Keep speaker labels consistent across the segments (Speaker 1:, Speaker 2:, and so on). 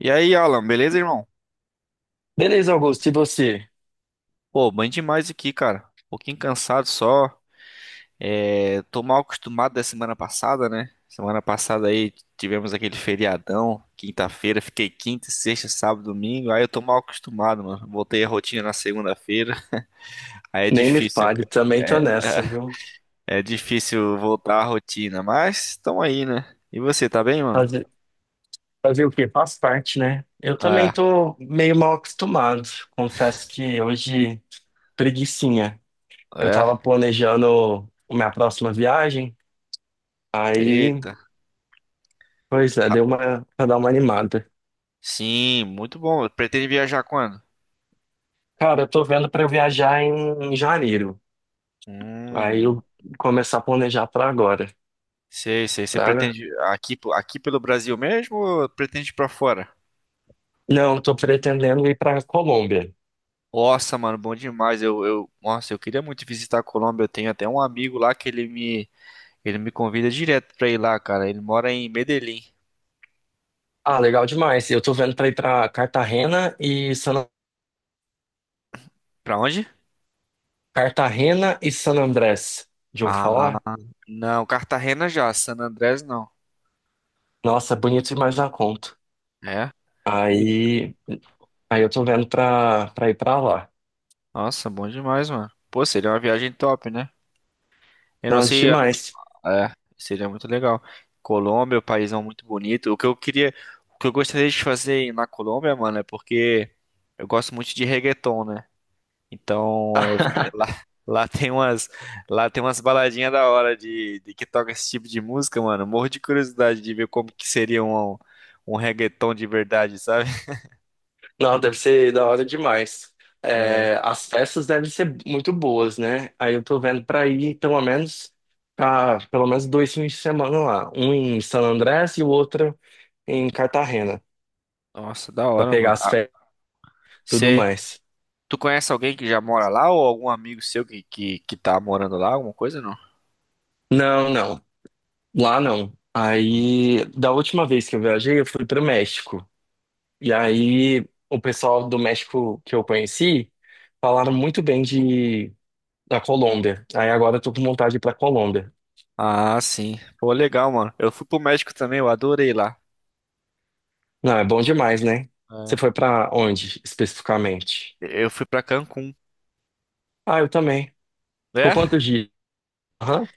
Speaker 1: E aí, Alan, beleza, irmão?
Speaker 2: Beleza, Augusto, e você?
Speaker 1: Pô, bem demais aqui, cara. Um pouquinho cansado só. É, tô mal acostumado da semana passada, né? Semana passada aí tivemos aquele feriadão, quinta-feira, fiquei quinta, sexta, sábado, domingo. Aí eu tô mal acostumado, mano. Voltei a rotina na segunda-feira. Aí é
Speaker 2: Nem me
Speaker 1: difícil,
Speaker 2: fale,
Speaker 1: cara.
Speaker 2: também tô
Speaker 1: é,
Speaker 2: nessa, viu?
Speaker 1: é difícil voltar à rotina, mas tamo aí, né? E você, tá bem, mano?
Speaker 2: Fazer, fazer o quê? Faz parte, né? Eu também
Speaker 1: É,
Speaker 2: tô meio mal acostumado. Confesso que hoje, preguicinha. Eu
Speaker 1: é.
Speaker 2: tava planejando a minha próxima viagem, aí,
Speaker 1: Eita.
Speaker 2: pois é, pra dar uma animada.
Speaker 1: Sim, muito bom. Pretende viajar quando?
Speaker 2: Cara, eu tô vendo pra eu viajar em, janeiro. Aí
Speaker 1: Hum.
Speaker 2: eu começar a planejar pra agora,
Speaker 1: Sei, sei. Você
Speaker 2: tá?
Speaker 1: pretende aqui, pelo Brasil mesmo ou pretende ir pra fora?
Speaker 2: Não, eu tô pretendendo ir pra Colômbia.
Speaker 1: Nossa, mano, bom demais. Nossa, eu queria muito visitar a Colômbia. Eu tenho até um amigo lá que ele me convida direto pra ir lá, cara. Ele mora em Medellín.
Speaker 2: Ah, legal demais. Eu tô vendo pra ir pra
Speaker 1: Pra onde?
Speaker 2: Cartagena e San Andrés. Já ouviu
Speaker 1: Ah,
Speaker 2: falar?
Speaker 1: não, Cartagena já, San Andrés não.
Speaker 2: Nossa, bonito demais da conta.
Speaker 1: É? E-
Speaker 2: Aí, aí eu tô vendo pra ir pra lá.
Speaker 1: Nossa, bom demais, mano. Pô, seria uma viagem top, né? Eu não
Speaker 2: Nossa,
Speaker 1: sei.
Speaker 2: demais.
Speaker 1: É, seria muito legal. Colômbia, o país é muito bonito. O que eu queria, o que eu gostaria de fazer na Colômbia, mano, é porque eu gosto muito de reggaeton, né? Então, eu lá, lá tem umas, lá tem umas baladinhas da hora de que toca esse tipo de música, mano. Morro de curiosidade de ver como que seria um reggaeton de verdade, sabe?
Speaker 2: Não, deve ser da hora demais.
Speaker 1: É.
Speaker 2: É, as festas devem ser muito boas, né? Aí eu tô vendo pra ir pelo menos 2 fins de semana lá. Um em San Andrés e o outro em Cartagena,
Speaker 1: Nossa, da
Speaker 2: pra
Speaker 1: hora,
Speaker 2: pegar
Speaker 1: mano.
Speaker 2: as
Speaker 1: Ah,
Speaker 2: festas e tudo
Speaker 1: você,
Speaker 2: mais.
Speaker 1: tu conhece alguém que já mora lá ou algum amigo seu que tá morando lá, alguma coisa?
Speaker 2: Não, não. Lá não. Aí, da última vez que eu viajei, eu fui pro México. E aí, o pessoal do México que eu conheci falaram muito bem de da Colômbia. Aí agora eu tô com vontade de ir pra Colômbia.
Speaker 1: Ah, sim. Pô, legal, mano. Eu fui pro México também, eu adorei lá.
Speaker 2: Não, é bom demais, né? Você
Speaker 1: É.
Speaker 2: foi pra onde especificamente?
Speaker 1: Eu fui pra Cancún.
Speaker 2: Ah, eu também. Por
Speaker 1: É,
Speaker 2: quantos dias? Aham.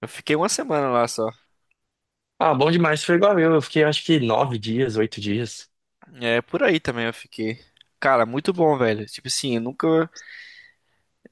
Speaker 1: eu fiquei uma semana lá só.
Speaker 2: Ah, bom demais. Foi igual eu. Eu fiquei acho que 9 dias, 8 dias.
Speaker 1: É, por aí também eu fiquei. Cara, muito bom, velho. Tipo assim, eu nunca,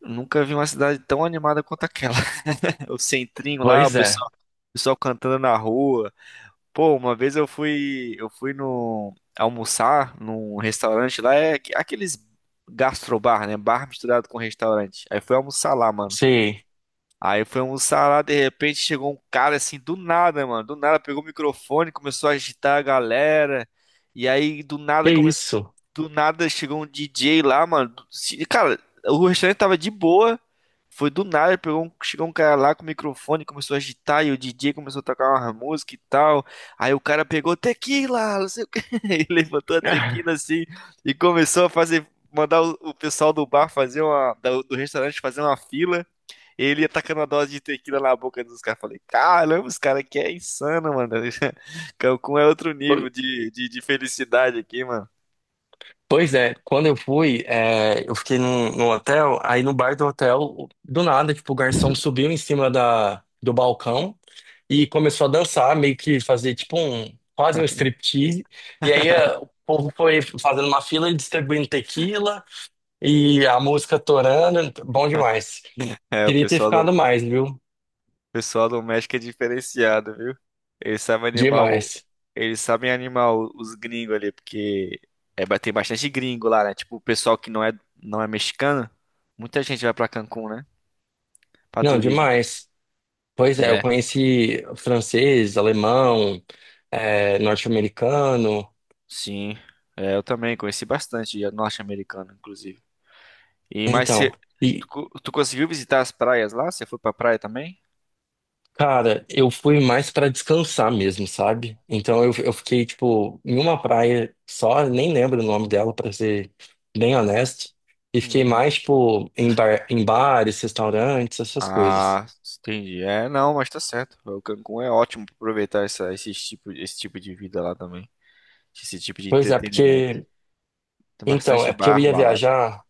Speaker 1: nunca vi uma cidade tão animada quanto aquela. O centrinho lá,
Speaker 2: Pois é.
Speaker 1: o pessoal cantando na rua. Pô, uma vez eu fui no almoçar num restaurante lá, é aqueles gastrobar, né? Bar misturado com restaurante. Aí fui almoçar lá, mano.
Speaker 2: Sim.
Speaker 1: Aí foi almoçar lá, de repente chegou um cara assim, do nada, mano. Do nada pegou o microfone, começou a agitar a galera. E aí do
Speaker 2: Que
Speaker 1: nada começou.
Speaker 2: isso?
Speaker 1: Do nada chegou um DJ lá, mano. Cara, o restaurante tava de boa. Foi do nada, chegou um cara lá com o microfone, começou a agitar. E o DJ começou a tocar uma música e tal. Aí o cara pegou tequila, não sei o quê. E levantou a tequila assim e começou a fazer. Mandar o pessoal do bar fazer uma. Do restaurante fazer uma fila. Ele ia tacando a dose de tequila na boca dos caras. Falei, caramba, os caras aqui é insano, mano. Cancún é outro nível de felicidade aqui, mano.
Speaker 2: Pois é, quando eu fui, eu fiquei num hotel, aí no bar do hotel, do nada, tipo, o garçom subiu em cima do balcão e começou a dançar, meio que fazer quase um striptease. E aí o povo foi fazendo uma fila e distribuindo tequila e a música torando, bom demais.
Speaker 1: É,
Speaker 2: Queria ter ficado
Speaker 1: o
Speaker 2: mais, viu?
Speaker 1: pessoal do México é diferenciado, viu? Eles sabem animar o,
Speaker 2: Demais.
Speaker 1: eles sabem animar os gringos ali, porque é, tem bastante gringo lá, né? Tipo, o pessoal que não é mexicano, muita gente vai pra Cancún, né? Pra
Speaker 2: Não,
Speaker 1: turismo.
Speaker 2: demais. Pois é, eu
Speaker 1: É,
Speaker 2: conheci francês, alemão, norte-americano.
Speaker 1: sim. É, eu também conheci bastante norte-americano, inclusive. E mas
Speaker 2: Então. E,
Speaker 1: tu conseguiu visitar as praias lá? Você foi pra praia também?
Speaker 2: Cara, eu fui mais pra descansar mesmo, sabe? Então eu fiquei, tipo, em uma praia só, nem lembro o nome dela, pra ser bem honesto. E fiquei
Speaker 1: Uhum.
Speaker 2: mais, tipo, em bares, restaurantes, essas coisas.
Speaker 1: Ah, entendi. É, não, mas tá certo. O Cancún é ótimo pra aproveitar esse tipo de vida lá também. Esse tipo de
Speaker 2: Pois é,
Speaker 1: entretenimento.
Speaker 2: porque.
Speaker 1: Tem
Speaker 2: Então,
Speaker 1: bastante
Speaker 2: é porque eu
Speaker 1: bar,
Speaker 2: ia
Speaker 1: balada.
Speaker 2: viajar.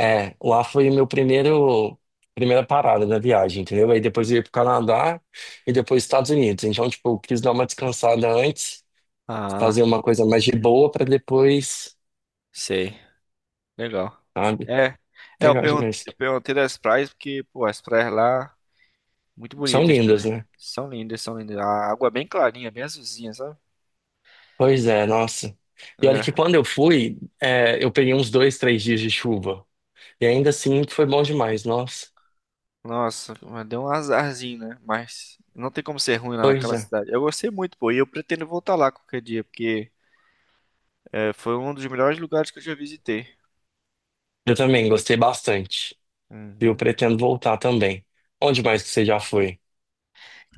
Speaker 2: É, lá foi o meu primeiro. Primeira parada na viagem, entendeu? Aí depois eu ia pro Canadá e depois Estados Unidos. Então, tipo, eu quis dar uma descansada antes, fazer
Speaker 1: Ah,
Speaker 2: uma coisa mais de boa pra depois,
Speaker 1: sei. Legal.
Speaker 2: sabe?
Speaker 1: É, é,
Speaker 2: Legal demais.
Speaker 1: eu perguntei das praias porque, pô, as praias lá, muito
Speaker 2: São
Speaker 1: bonitas
Speaker 2: lindas,
Speaker 1: também.
Speaker 2: né?
Speaker 1: São lindas, são lindas. A água é bem clarinha, bem azulzinha, sabe?
Speaker 2: Pois é, nossa. E olha que
Speaker 1: É.
Speaker 2: quando eu fui, eu peguei uns 2, 3 dias de chuva. E ainda assim foi bom demais, nossa.
Speaker 1: Nossa, mas deu um azarzinho, né? Mas não tem como ser ruim lá
Speaker 2: Pois
Speaker 1: naquela
Speaker 2: é.
Speaker 1: cidade. Eu gostei muito, pô, e eu pretendo voltar lá qualquer dia, porque é, foi um dos melhores lugares que eu já visitei.
Speaker 2: Eu também gostei bastante. E eu
Speaker 1: Uhum.
Speaker 2: pretendo voltar também. Onde mais que você já foi?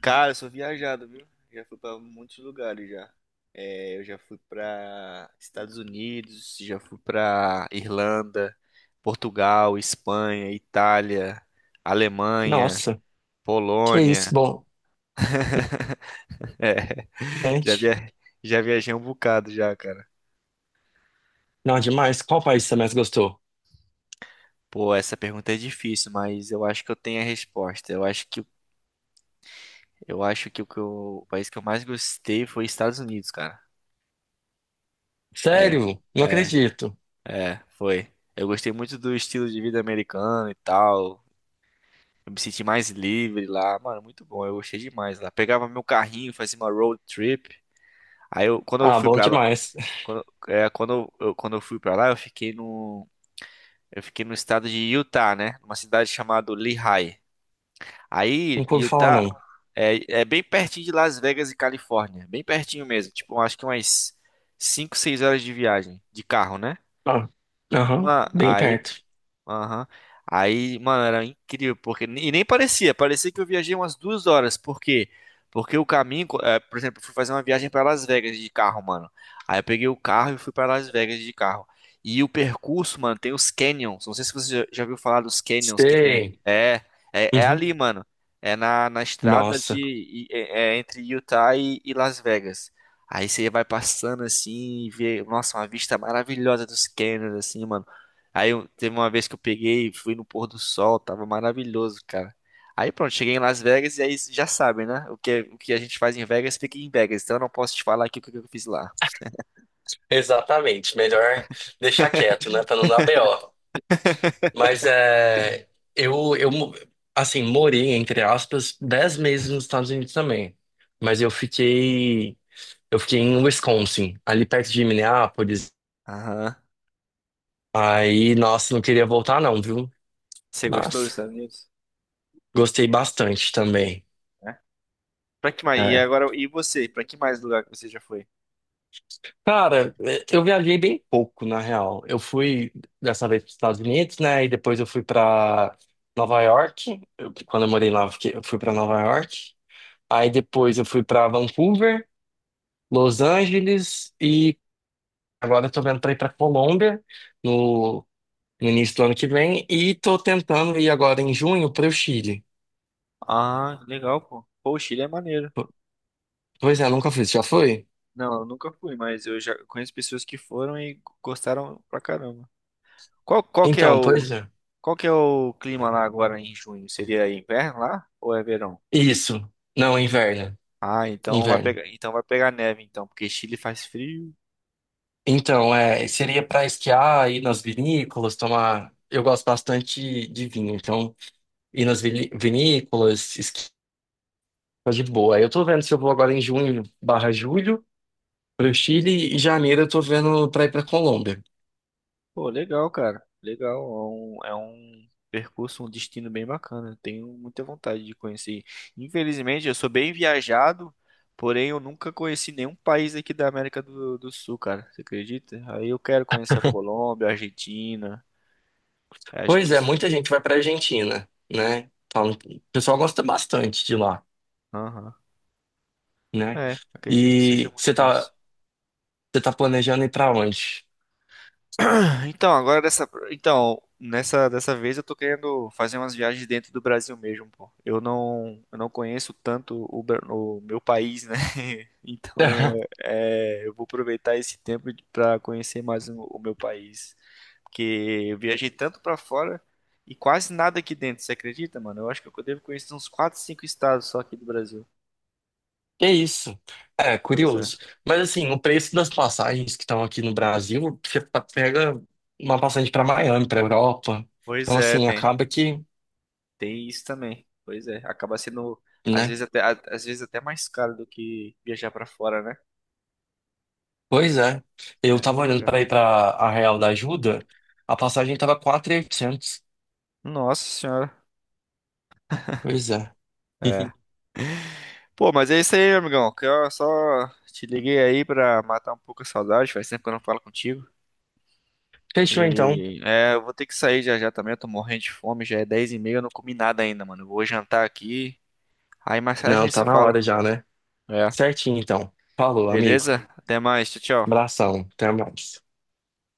Speaker 1: Cara, eu sou viajado, viu? Já fui pra muitos lugares já. É, eu já fui pra Estados Unidos, já fui pra Irlanda, Portugal, Espanha, Itália, Alemanha,
Speaker 2: Nossa, que isso,
Speaker 1: Polônia.
Speaker 2: bom.
Speaker 1: É, já
Speaker 2: Gente,
Speaker 1: via... já viajei um bocado já, cara.
Speaker 2: não, demais. Qual país você mais gostou?
Speaker 1: Pô, essa pergunta é difícil, mas eu acho que eu tenho a resposta. Eu acho que o país que eu mais gostei foi Estados Unidos, cara. É,
Speaker 2: Sério? Não
Speaker 1: é,
Speaker 2: acredito.
Speaker 1: foi. Eu gostei muito do estilo de vida americano e tal. Eu me senti mais livre lá, mano, muito bom. Eu gostei demais lá. Pegava meu carrinho, fazia uma road trip. Aí quando eu
Speaker 2: Ah,
Speaker 1: fui
Speaker 2: bom
Speaker 1: pra lá,
Speaker 2: demais.
Speaker 1: quando eu fui para lá, eu fiquei no estado de Utah, né? Numa cidade chamada Lehigh. Aí,
Speaker 2: Não pude falar,
Speaker 1: Utah.
Speaker 2: não.
Speaker 1: É bem pertinho de Las Vegas e Califórnia. Bem pertinho mesmo. Tipo, acho que umas 5, 6 horas de viagem de carro, né?
Speaker 2: Ah, aham,
Speaker 1: Mano,
Speaker 2: bem
Speaker 1: aí.
Speaker 2: perto.
Speaker 1: Aham. Aí, mano, era incrível, porque. E nem parecia que eu viajei umas 2 horas. Por quê? Porque o caminho, por exemplo, eu fui fazer uma viagem para Las Vegas de carro, mano. Aí eu peguei o carro e fui para Las Vegas de carro. E o percurso, mano, tem os canyons. Não sei se você já ouviu falar dos canyons que tem.
Speaker 2: Sei.
Speaker 1: É
Speaker 2: Uhum.
Speaker 1: ali, mano. É na estrada
Speaker 2: Nossa.
Speaker 1: de, e- é, é entre Utah e Las Vegas. Aí você vai passando assim e vê, nossa, uma vista maravilhosa dos canyons, assim, mano. Aí teve uma vez que eu peguei e fui no pôr do sol, tava maravilhoso, cara. Aí pronto, cheguei em Las Vegas e aí já sabem, né? O que a gente faz em Vegas fica em Vegas, então eu não posso te falar aqui o que eu fiz lá.
Speaker 2: Exatamente, melhor deixar quieto, né, para não dar BO. Mas eu, eu, mo- assim, morei, entre aspas, 10 meses nos Estados Unidos também. Mas eu fiquei em Wisconsin, ali perto de Minneapolis.
Speaker 1: Aham.
Speaker 2: Aí, nossa, não queria voltar não, viu?
Speaker 1: Você gostou dos
Speaker 2: Mas
Speaker 1: Estados Unidos?
Speaker 2: gostei bastante também.
Speaker 1: É. Pra que mais? E
Speaker 2: É,
Speaker 1: agora, e você? Pra que mais lugar que você já foi?
Speaker 2: Cara, eu viajei bem pouco, na real. Eu fui dessa vez para os Estados Unidos, né? E depois eu fui para Nova York. Quando eu morei lá, eu fui para Nova York. Aí depois eu fui para Vancouver, Los Angeles e agora eu tô vendo para ir para Colômbia no, no início do ano que vem e tô tentando ir agora em junho para o Chile.
Speaker 1: Ah, legal, pô. Pô, o Chile é maneiro.
Speaker 2: Po- Pois é, nunca fui. Você já foi?
Speaker 1: Não, eu nunca fui, mas eu já conheço pessoas que foram e gostaram pra caramba. Qual, qual que é
Speaker 2: Então,
Speaker 1: o,
Speaker 2: pois é.
Speaker 1: qual que é o clima lá agora em junho? Seria inverno lá ou é verão?
Speaker 2: Isso. Não, inverno.
Speaker 1: Ah,
Speaker 2: Inverno.
Speaker 1: então vai pegar neve, então, porque Chile faz frio.
Speaker 2: Então, seria para esquiar, ir nas vinícolas, tomar. Eu gosto bastante de vinho, então ir nas vinícolas, esquiar de boa. Eu tô vendo se eu vou agora em junho barra julho para o Chile e janeiro eu tô vendo para ir para Colômbia.
Speaker 1: Pô, legal, cara. Legal. É um percurso, um destino bem bacana. Eu tenho muita vontade de conhecer. Infelizmente, eu sou bem viajado, porém eu nunca conheci nenhum país aqui da América do Sul, cara. Você acredita? Aí eu quero conhecer a Colômbia, a Argentina. Acho
Speaker 2: Pois
Speaker 1: que
Speaker 2: é,
Speaker 1: isso.
Speaker 2: muita gente vai para Argentina, né? Falam o pessoal gosta bastante de lá,
Speaker 1: Aham.
Speaker 2: né?
Speaker 1: É, acredito que seja
Speaker 2: E
Speaker 1: muito massa.
Speaker 2: você tá planejando ir para onde?
Speaker 1: Nessa dessa vez eu tô querendo fazer umas viagens dentro do Brasil mesmo, pô. Eu não conheço tanto o meu país, né? Então, é, eu vou aproveitar esse tempo para conhecer mais o meu país, porque eu viajei tanto para fora e quase nada aqui dentro, você acredita, mano? Eu acho que eu devo conhecer uns 4 5 estados só aqui do Brasil.
Speaker 2: Que isso? É,
Speaker 1: Pois é.
Speaker 2: curioso. Mas assim, o preço das passagens que estão aqui no Brasil, você pega uma passagem para Miami, para Europa.
Speaker 1: Pois
Speaker 2: Então,
Speaker 1: é,
Speaker 2: assim,
Speaker 1: tem.
Speaker 2: acaba que,
Speaker 1: Tem isso também. Pois é, acaba sendo
Speaker 2: né?
Speaker 1: às vezes até mais caro do que viajar pra fora, né?
Speaker 2: Pois é.
Speaker 1: É,
Speaker 2: Eu tava
Speaker 1: não é
Speaker 2: olhando
Speaker 1: caro.
Speaker 2: para ir para a Real da Ajuda, a passagem tava 4.800.
Speaker 1: Nossa senhora.
Speaker 2: Pois é.
Speaker 1: É. Pô, mas é isso aí, meu amigão. Que eu só te liguei aí pra matar um pouco a saudade. Faz tempo que eu não falo contigo.
Speaker 2: Fechou então.
Speaker 1: E é, eu vou ter que sair já já também. Eu tô morrendo de fome. Já é 10h30, eu não comi nada ainda, mano. Eu vou jantar aqui. Aí mais tarde a
Speaker 2: Não,
Speaker 1: gente
Speaker 2: tá
Speaker 1: se
Speaker 2: na
Speaker 1: fala.
Speaker 2: hora já, né?
Speaker 1: É.
Speaker 2: Certinho então. Falou, amigo.
Speaker 1: Beleza? Até mais. Tchau, tchau.
Speaker 2: Abração. Até mais.